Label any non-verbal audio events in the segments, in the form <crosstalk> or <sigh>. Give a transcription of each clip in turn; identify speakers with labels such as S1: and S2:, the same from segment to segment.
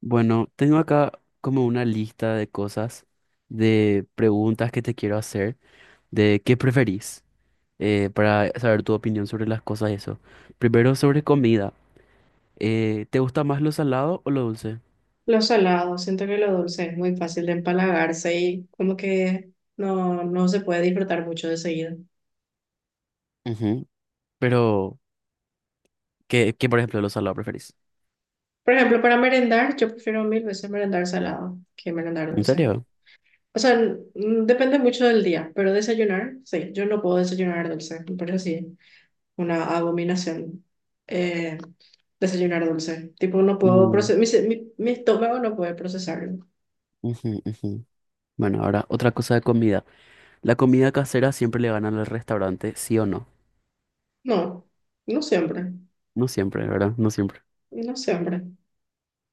S1: Bueno, tengo acá como una lista de cosas, de preguntas que te quiero hacer, de qué preferís, para saber tu opinión sobre las cosas y eso. Primero sobre comida. ¿Te gusta más lo salado o lo dulce?
S2: Lo salado, siento que lo dulce es muy fácil de empalagarse y como que no se puede disfrutar mucho de seguido.
S1: Ujú. Pero, ¿qué, por ejemplo, lo salado preferís?
S2: Por ejemplo, para merendar, yo prefiero mil veces merendar salado que merendar
S1: ¿En
S2: dulce.
S1: serio?
S2: O sea, depende mucho del día, pero desayunar, sí, yo no puedo desayunar dulce, me parece así una abominación, eh, desayunar dulce. Tipo, no puedo
S1: Mm,
S2: procesar, mi, se- mi mi estómago no puede procesarlo.
S1: ujú, ujú. Bueno, ahora otra cosa de comida. ¿La comida casera siempre le gana al restaurante, sí o no?
S2: No, no siempre,
S1: No siempre, ¿verdad? No siempre.
S2: no siempre.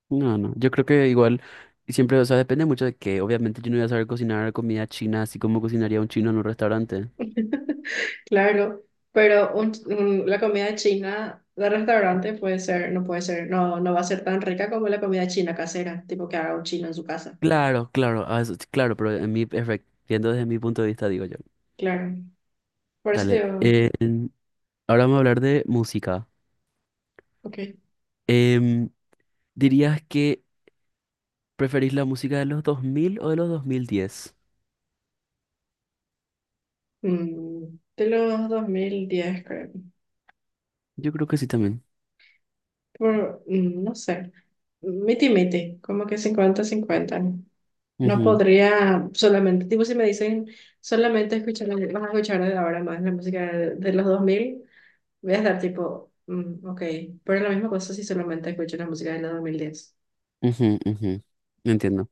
S1: No, no, yo creo que igual siempre, o sea, depende mucho de que obviamente yo no voy a saber cocinar comida china así como cocinaría un chino en un restaurante.
S2: <laughs> Claro, pero la comida china de restaurante puede ser, no, no va a ser tan rica como la comida china casera, tipo que haga un chino en su casa.
S1: Claro, claro, ah, claro, pero viendo desde mi punto de vista, digo yo.
S2: Claro, por eso te
S1: Dale,
S2: digo.
S1: ahora vamos a hablar de música.
S2: Ok,
S1: Em, ¿Dirías que preferís la música de los 2000 o de los 2010?
S2: de los 2010 creo,
S1: Yo creo que sí también.
S2: no sé, miti miti, como que cincuenta cincuenta. No
S1: Ujú,
S2: podría solamente, tipo si me dicen solamente escuchar, vas a escuchar de ahora más la música de los 2000. Voy a estar tipo, ok, pero la misma cosa si solamente escucho la música de la diez.
S1: ujú, ujú. Entiendo.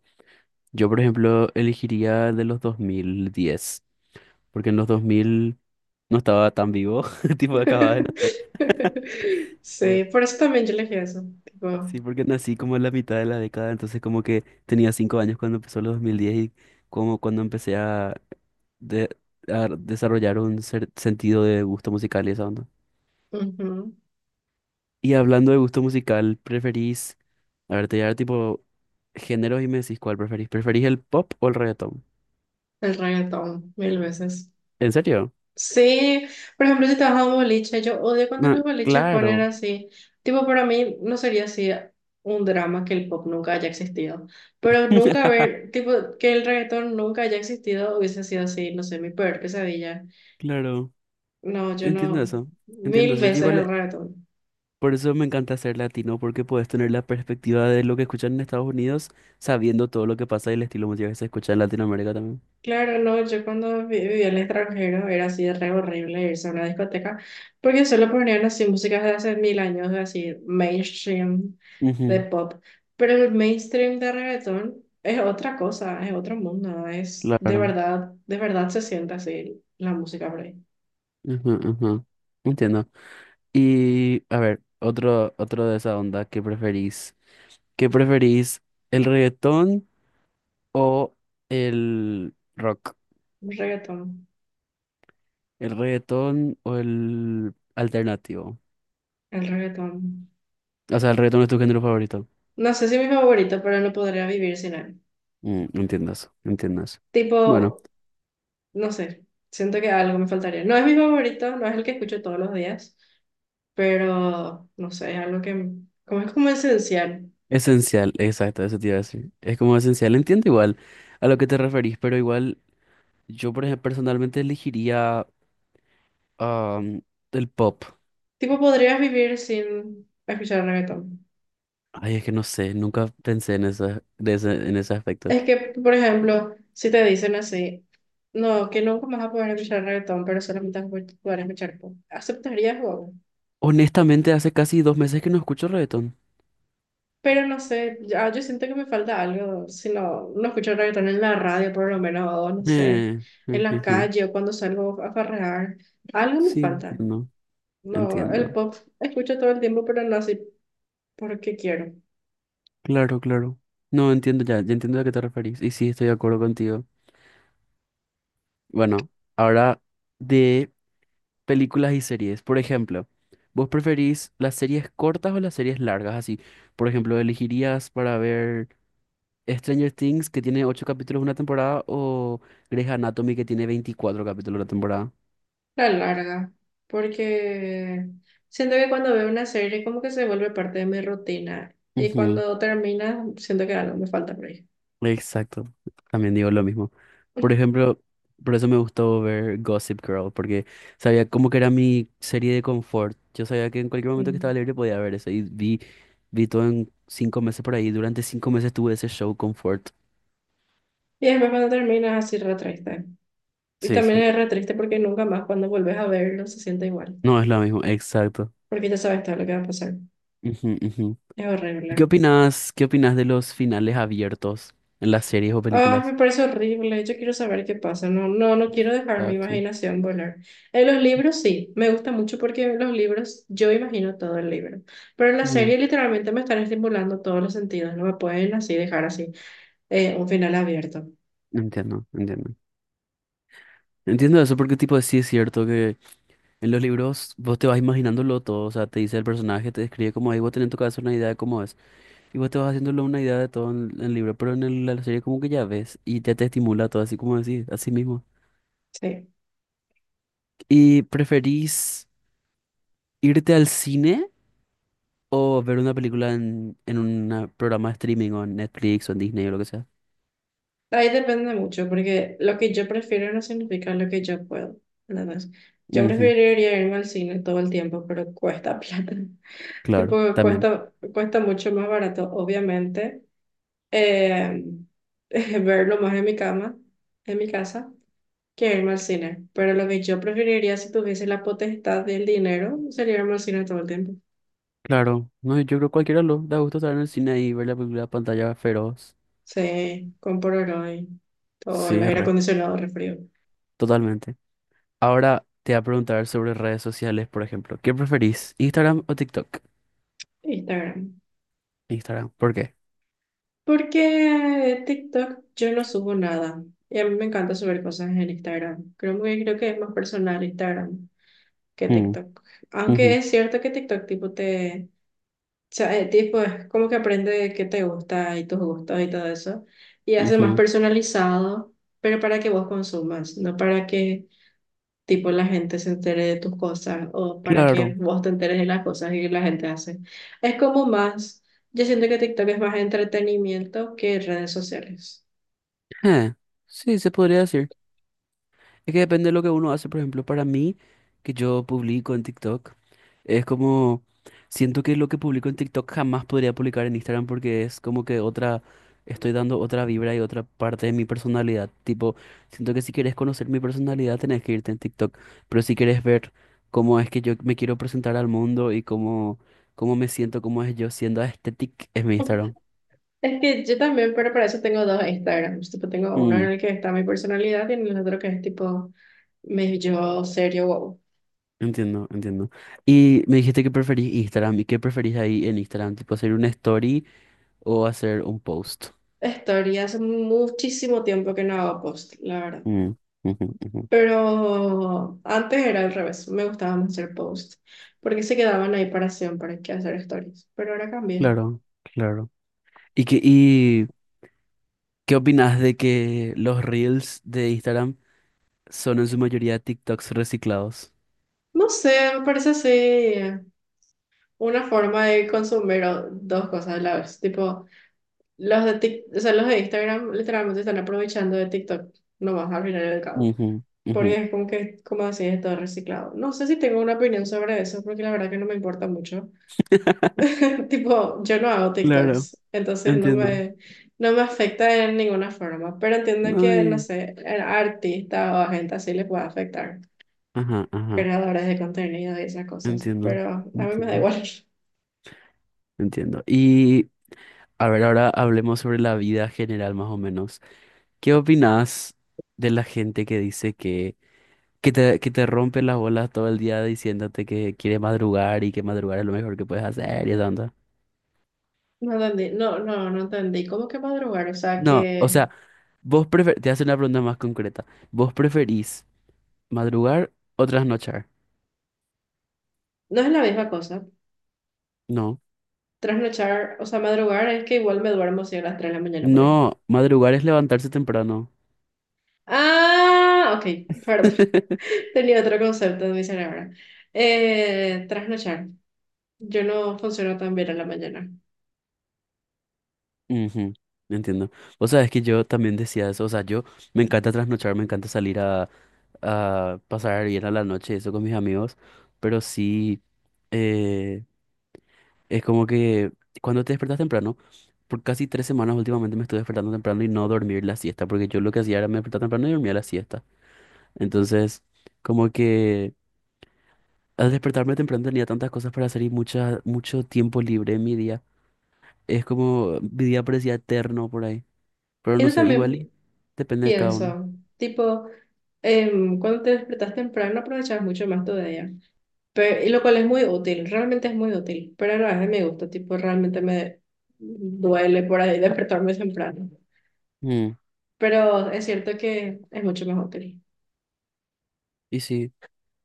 S1: Yo, por ejemplo, elegiría de los 2010, porque en los 2000 no estaba tan vivo, <laughs> tipo acababa de
S2: <laughs> Sí,
S1: nacer.
S2: por eso también yo elegí eso, tipo.
S1: Sí, porque nací como en la mitad de la década, entonces como que tenía 5 años cuando empezó los 2010 y como cuando empecé a, de- a desarrollar un sentido de gusto musical y esa onda.
S2: Ujú.
S1: Y hablando de gusto musical, ¿preferís, a ver, te voy a dar tipo géneros y me decís cuál preferís? ¿Preferís el pop o el reggaetón?
S2: El reggaetón, mil veces.
S1: ¿En serio?
S2: Sí, por ejemplo, si te vas a un boliche, yo odio cuando
S1: No,
S2: los boliches ponen
S1: claro.
S2: así, tipo, para mí no sería así un drama que el pop nunca haya existido, pero nunca ver,
S1: <laughs>
S2: tipo, que el reggaetón nunca haya existido hubiese sido así, no sé, mi peor pesadilla.
S1: Claro,
S2: No, yo
S1: entiendo
S2: no.
S1: eso. Entiendo
S2: Mil
S1: eso. Yo
S2: veces el
S1: igual.
S2: reggaetón.
S1: Por eso me encanta ser latino, porque puedes tener la perspectiva de lo que escuchan en Estados Unidos, sabiendo todo lo que pasa y el estilo musical que se escucha en Latinoamérica también.
S2: Claro, no, yo cuando vivía en el extranjero era así de re horrible irse a una discoteca porque solo ponían así músicas de hace mil años, así mainstream de
S1: Ujú,
S2: pop. Pero el mainstream de reggaetón es otra cosa, es otro mundo, es
S1: claro.
S2: de verdad se siente así la música por ahí.
S1: Ujú, ujú. Entiendo. Y a ver, otro de esa onda, ¿qué preferís? ¿Qué preferís? ¿El reggaetón o el rock?
S2: El reggaetón,
S1: ¿El reggaetón o el alternativo?
S2: el reggaetón.
S1: O sea, el reggaetón es tu género favorito.
S2: No sé si es mi favorito, pero no podría vivir sin él.
S1: Entiendo eso, entiendo eso. Bueno.
S2: Tipo, no sé, siento que algo me faltaría. No es mi favorito, no es el que escucho todos los días, pero no sé, es algo que, como, es como esencial.
S1: Esencial, exacto, eso te iba a decir. Es como esencial, entiendo igual a lo que te referís, pero igual yo por ejemplo, personalmente elegiría am, el pop.
S2: Tipo, podrías vivir sin escuchar reggaetón.
S1: Ay, es que no sé, nunca pensé en esa en ese aspecto.
S2: Es que, por ejemplo, si te dicen así, no, que nunca más vas a poder escuchar reggaetón, pero solamente vas a poder escuchar pop, ¿aceptarías o no?
S1: Honestamente, hace casi dos meses que no escucho reggaetón.
S2: Pero no sé, ya, yo siento que me falta algo, si no, no escucho reggaetón en la radio, por lo menos, o no sé,
S1: Eh,
S2: en
S1: eh,
S2: la
S1: eh, eh.
S2: calle o cuando salgo a farrear, algo me
S1: Sí,
S2: falta.
S1: entiendo,
S2: No, el
S1: entiendo.
S2: pop escucho todo el tiempo, pero no así porque quiero.
S1: Claro, claro. No, entiendo ya, ya entiendo a qué te referís. Y sí, estoy de acuerdo contigo. Bueno, ahora de películas y series. Por ejemplo, ¿vos preferís las series cortas o las series largas? Así, por ejemplo, ¿elegirías para ver Stranger Things, que tiene 8 capítulos una temporada, o Grey's Anatomy, que tiene 24 capítulos una temporada?
S2: La larga. Porque siento que cuando veo una serie como que se vuelve parte de mi rutina. Y
S1: Ujú.
S2: cuando termina, siento que algo me falta por ahí.
S1: Exacto, también digo lo mismo. Por
S2: <laughs>
S1: ejemplo, por eso me gustó ver Gossip Girl, porque sabía como que era mi serie de confort. Yo sabía que en cualquier momento que estaba
S2: Mm.
S1: libre podía ver eso y vi todo en 5 meses por ahí. Durante 5 meses tuve ese show confort.
S2: Y después cuando termina, así re triste. Y
S1: Sí,
S2: también
S1: sí.
S2: es re triste porque nunca más cuando vuelves a verlo se siente igual.
S1: No es lo mismo, exacto.
S2: Porque ya sabes todo lo que va a pasar.
S1: Ujú, ujú.
S2: Es
S1: ¿Y qué
S2: horrible.
S1: opinas, qué opinas de los finales abiertos en las series o
S2: Ay, me
S1: películas?
S2: parece horrible. Yo quiero saber qué pasa. No, no, no quiero dejar mi
S1: Exacto.
S2: imaginación volar. En los libros sí, me gusta mucho porque en los libros yo imagino todo el libro. Pero en la
S1: Mm.
S2: serie literalmente me están estimulando todos los sentidos. No me pueden así dejar así, un final abierto.
S1: Entiendo, entiendo. Entiendo eso porque tipo sí es cierto que en los libros vos te vas imaginándolo todo, o sea, te dice el personaje, te describe como ahí vos tenés en tu cabeza una idea de cómo es, y vos te vas haciéndolo una idea de todo en el libro, pero en la serie como que ya ves y ya te estimula todo así como decís, así mismo.
S2: Sí.
S1: ¿Y preferís irte al cine? O ver una película en un programa de streaming o en Netflix o en Disney o lo que sea.
S2: Ahí depende mucho porque lo que yo prefiero no significa lo que yo puedo. Nada más. Yo
S1: Ujú.
S2: preferiría irme al cine todo el tiempo, pero cuesta <laughs> plata.
S1: Claro,
S2: Tipo,
S1: también.
S2: cuesta mucho más barato, obviamente, eh, <laughs> verlo más en mi cama, en mi casa, que irme al cine. Pero lo que yo preferiría si tuviese la potestad del dinero sería irme al cine todo el tiempo.
S1: Claro. No, yo creo que cualquiera lo da gusto estar en el cine y ver la película a pantalla feroz.
S2: Sí, con Polaroid, todo el
S1: Sí,
S2: aire
S1: re.
S2: acondicionado, refrío.
S1: Totalmente. Ahora te voy a preguntar sobre redes sociales, por ejemplo. ¿Qué preferís? ¿Instagram o TikTok?
S2: Instagram.
S1: Instagram. ¿Por qué?
S2: Porque TikTok yo no subo nada. Y a mí me encanta subir cosas en Instagram. Creo que es más personal Instagram que
S1: Mm,
S2: TikTok. Aunque
S1: ujú,
S2: es cierto que TikTok tipo te, o sea, tipo es como que aprende qué te gusta y tus gustos y todo eso y hace más
S1: ujú.
S2: personalizado, pero para que vos consumas, no para que tipo la gente se entere de tus cosas o para que
S1: Claro.
S2: vos te enteres de las cosas que la gente hace. Es como más, yo siento que TikTok es más entretenimiento que redes sociales.
S1: Eh, sí, se podría decir. Es que depende de lo que uno hace, por ejemplo, para mí, que yo publico en TikTok. Es como, siento que lo que publico en TikTok jamás podría publicar en Instagram porque es como que otra, estoy dando otra vibra y otra parte de mi personalidad. Tipo, siento que si quieres conocer mi personalidad tenés que irte en TikTok, pero si quieres ver cómo es que yo me quiero presentar al mundo y cómo me siento, cómo es yo siendo aesthetic, es mi Instagram.
S2: <laughs> Es que yo también, pero para eso tengo dos Instagrams. Tipo, tengo uno en
S1: Mm,
S2: el que está mi personalidad y en el otro que es tipo me yo, serio, wow.
S1: Entiendo, entiendo. Y me dijiste que preferís Instagram y qué preferís ahí en Instagram, tipo hacer una story o hacer un post.
S2: Historia hace muchísimo tiempo que no hago post, la verdad.
S1: Mm, ujú, ujú.
S2: Pero antes era al revés, me gustaba más hacer post, porque se quedaban ahí para siempre, que hacer stories. Pero ahora cambié.
S1: Claro, claro. ¿Y qué opinas de que los reels de Instagram son en su mayoría TikToks reciclados?
S2: No sé, me parece así una forma de consumir dos cosas a la vez. Tipo, o sea, los de Instagram literalmente están aprovechando de TikTok, nomás al final del cabo.
S1: Ujú,
S2: Porque
S1: ujú.
S2: es como que, como así, es todo reciclado. No sé si tengo una opinión sobre eso, porque la verdad que no me importa mucho.
S1: <laughs>
S2: <laughs> Tipo, yo no hago
S1: Claro,
S2: TikToks, entonces no
S1: entiendo.
S2: me, no me afecta en ninguna forma, pero entiendo
S1: No,
S2: que, no
S1: y-
S2: sé, a artistas o a gente así les puede afectar,
S1: Ajá, ajá,
S2: creadores de contenido y esas cosas,
S1: entiendo,
S2: pero a mí me da
S1: entiendo,
S2: igual. <laughs>
S1: entiendo. Y a ver, ahora hablemos sobre la vida general más o menos. ¿Qué opinas de la gente que dice que te rompe las bolas todo el día diciéndote que quiere madrugar y que madrugar es lo mejor que puedes hacer y tanta?
S2: No entendí, no, no, no entendí. ¿Cómo que madrugar? O sea,
S1: No, o
S2: que
S1: sea, Te hace una pregunta más concreta. ¿Vos preferís madrugar o trasnochar?
S2: no es la misma cosa.
S1: No.
S2: Trasnochar, o sea, madrugar es que igual me duermo si a las 3 de la mañana por ahí.
S1: No, madrugar es levantarse temprano.
S2: Ah, ok, perdón.
S1: <laughs>
S2: <laughs> Tenía otro concepto en mi cerebro. Trasnochar. Yo no funciono tan bien a la mañana.
S1: Ujú. Entiendo. Vos sabés que yo también decía eso. O sea, yo me encanta trasnochar, me encanta salir a pasar bien a la noche, eso con mis amigos. Pero sí, eh, es como que cuando te despertas temprano, por casi 3 semanas últimamente me estoy despertando temprano y no dormir la siesta, porque yo lo que hacía era me despertar temprano y dormía la siesta. Entonces, como que al despertarme temprano tenía tantas cosas para hacer y mucha, mucho tiempo libre en mi día. Es como, mi día parecía eterno por ahí. Pero no
S2: Eso
S1: sé, igual
S2: también
S1: y depende de cada uno.
S2: pienso, tipo, cuando te despertas temprano aprovechas mucho más todavía, pero, y lo cual es muy útil, realmente es muy útil, pero a la vez me gusta, tipo, realmente me duele por ahí <laughs> despertarme temprano,
S1: Mm,
S2: pero es cierto que es mucho más útil.
S1: y sí.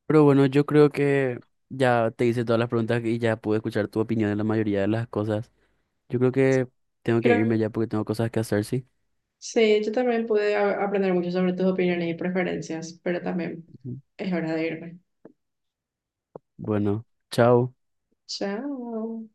S1: Pero bueno, yo creo que ya te hice todas las preguntas y ya pude escuchar tu opinión en la mayoría de las cosas. Yo creo que tengo que
S2: Creo,
S1: irme ya porque tengo cosas que hacer, sí.
S2: sí, yo también pude aprender mucho sobre tus opiniones y preferencias, pero también
S1: Ujú.
S2: es hora de irme.
S1: Bueno, chao.
S2: Chao.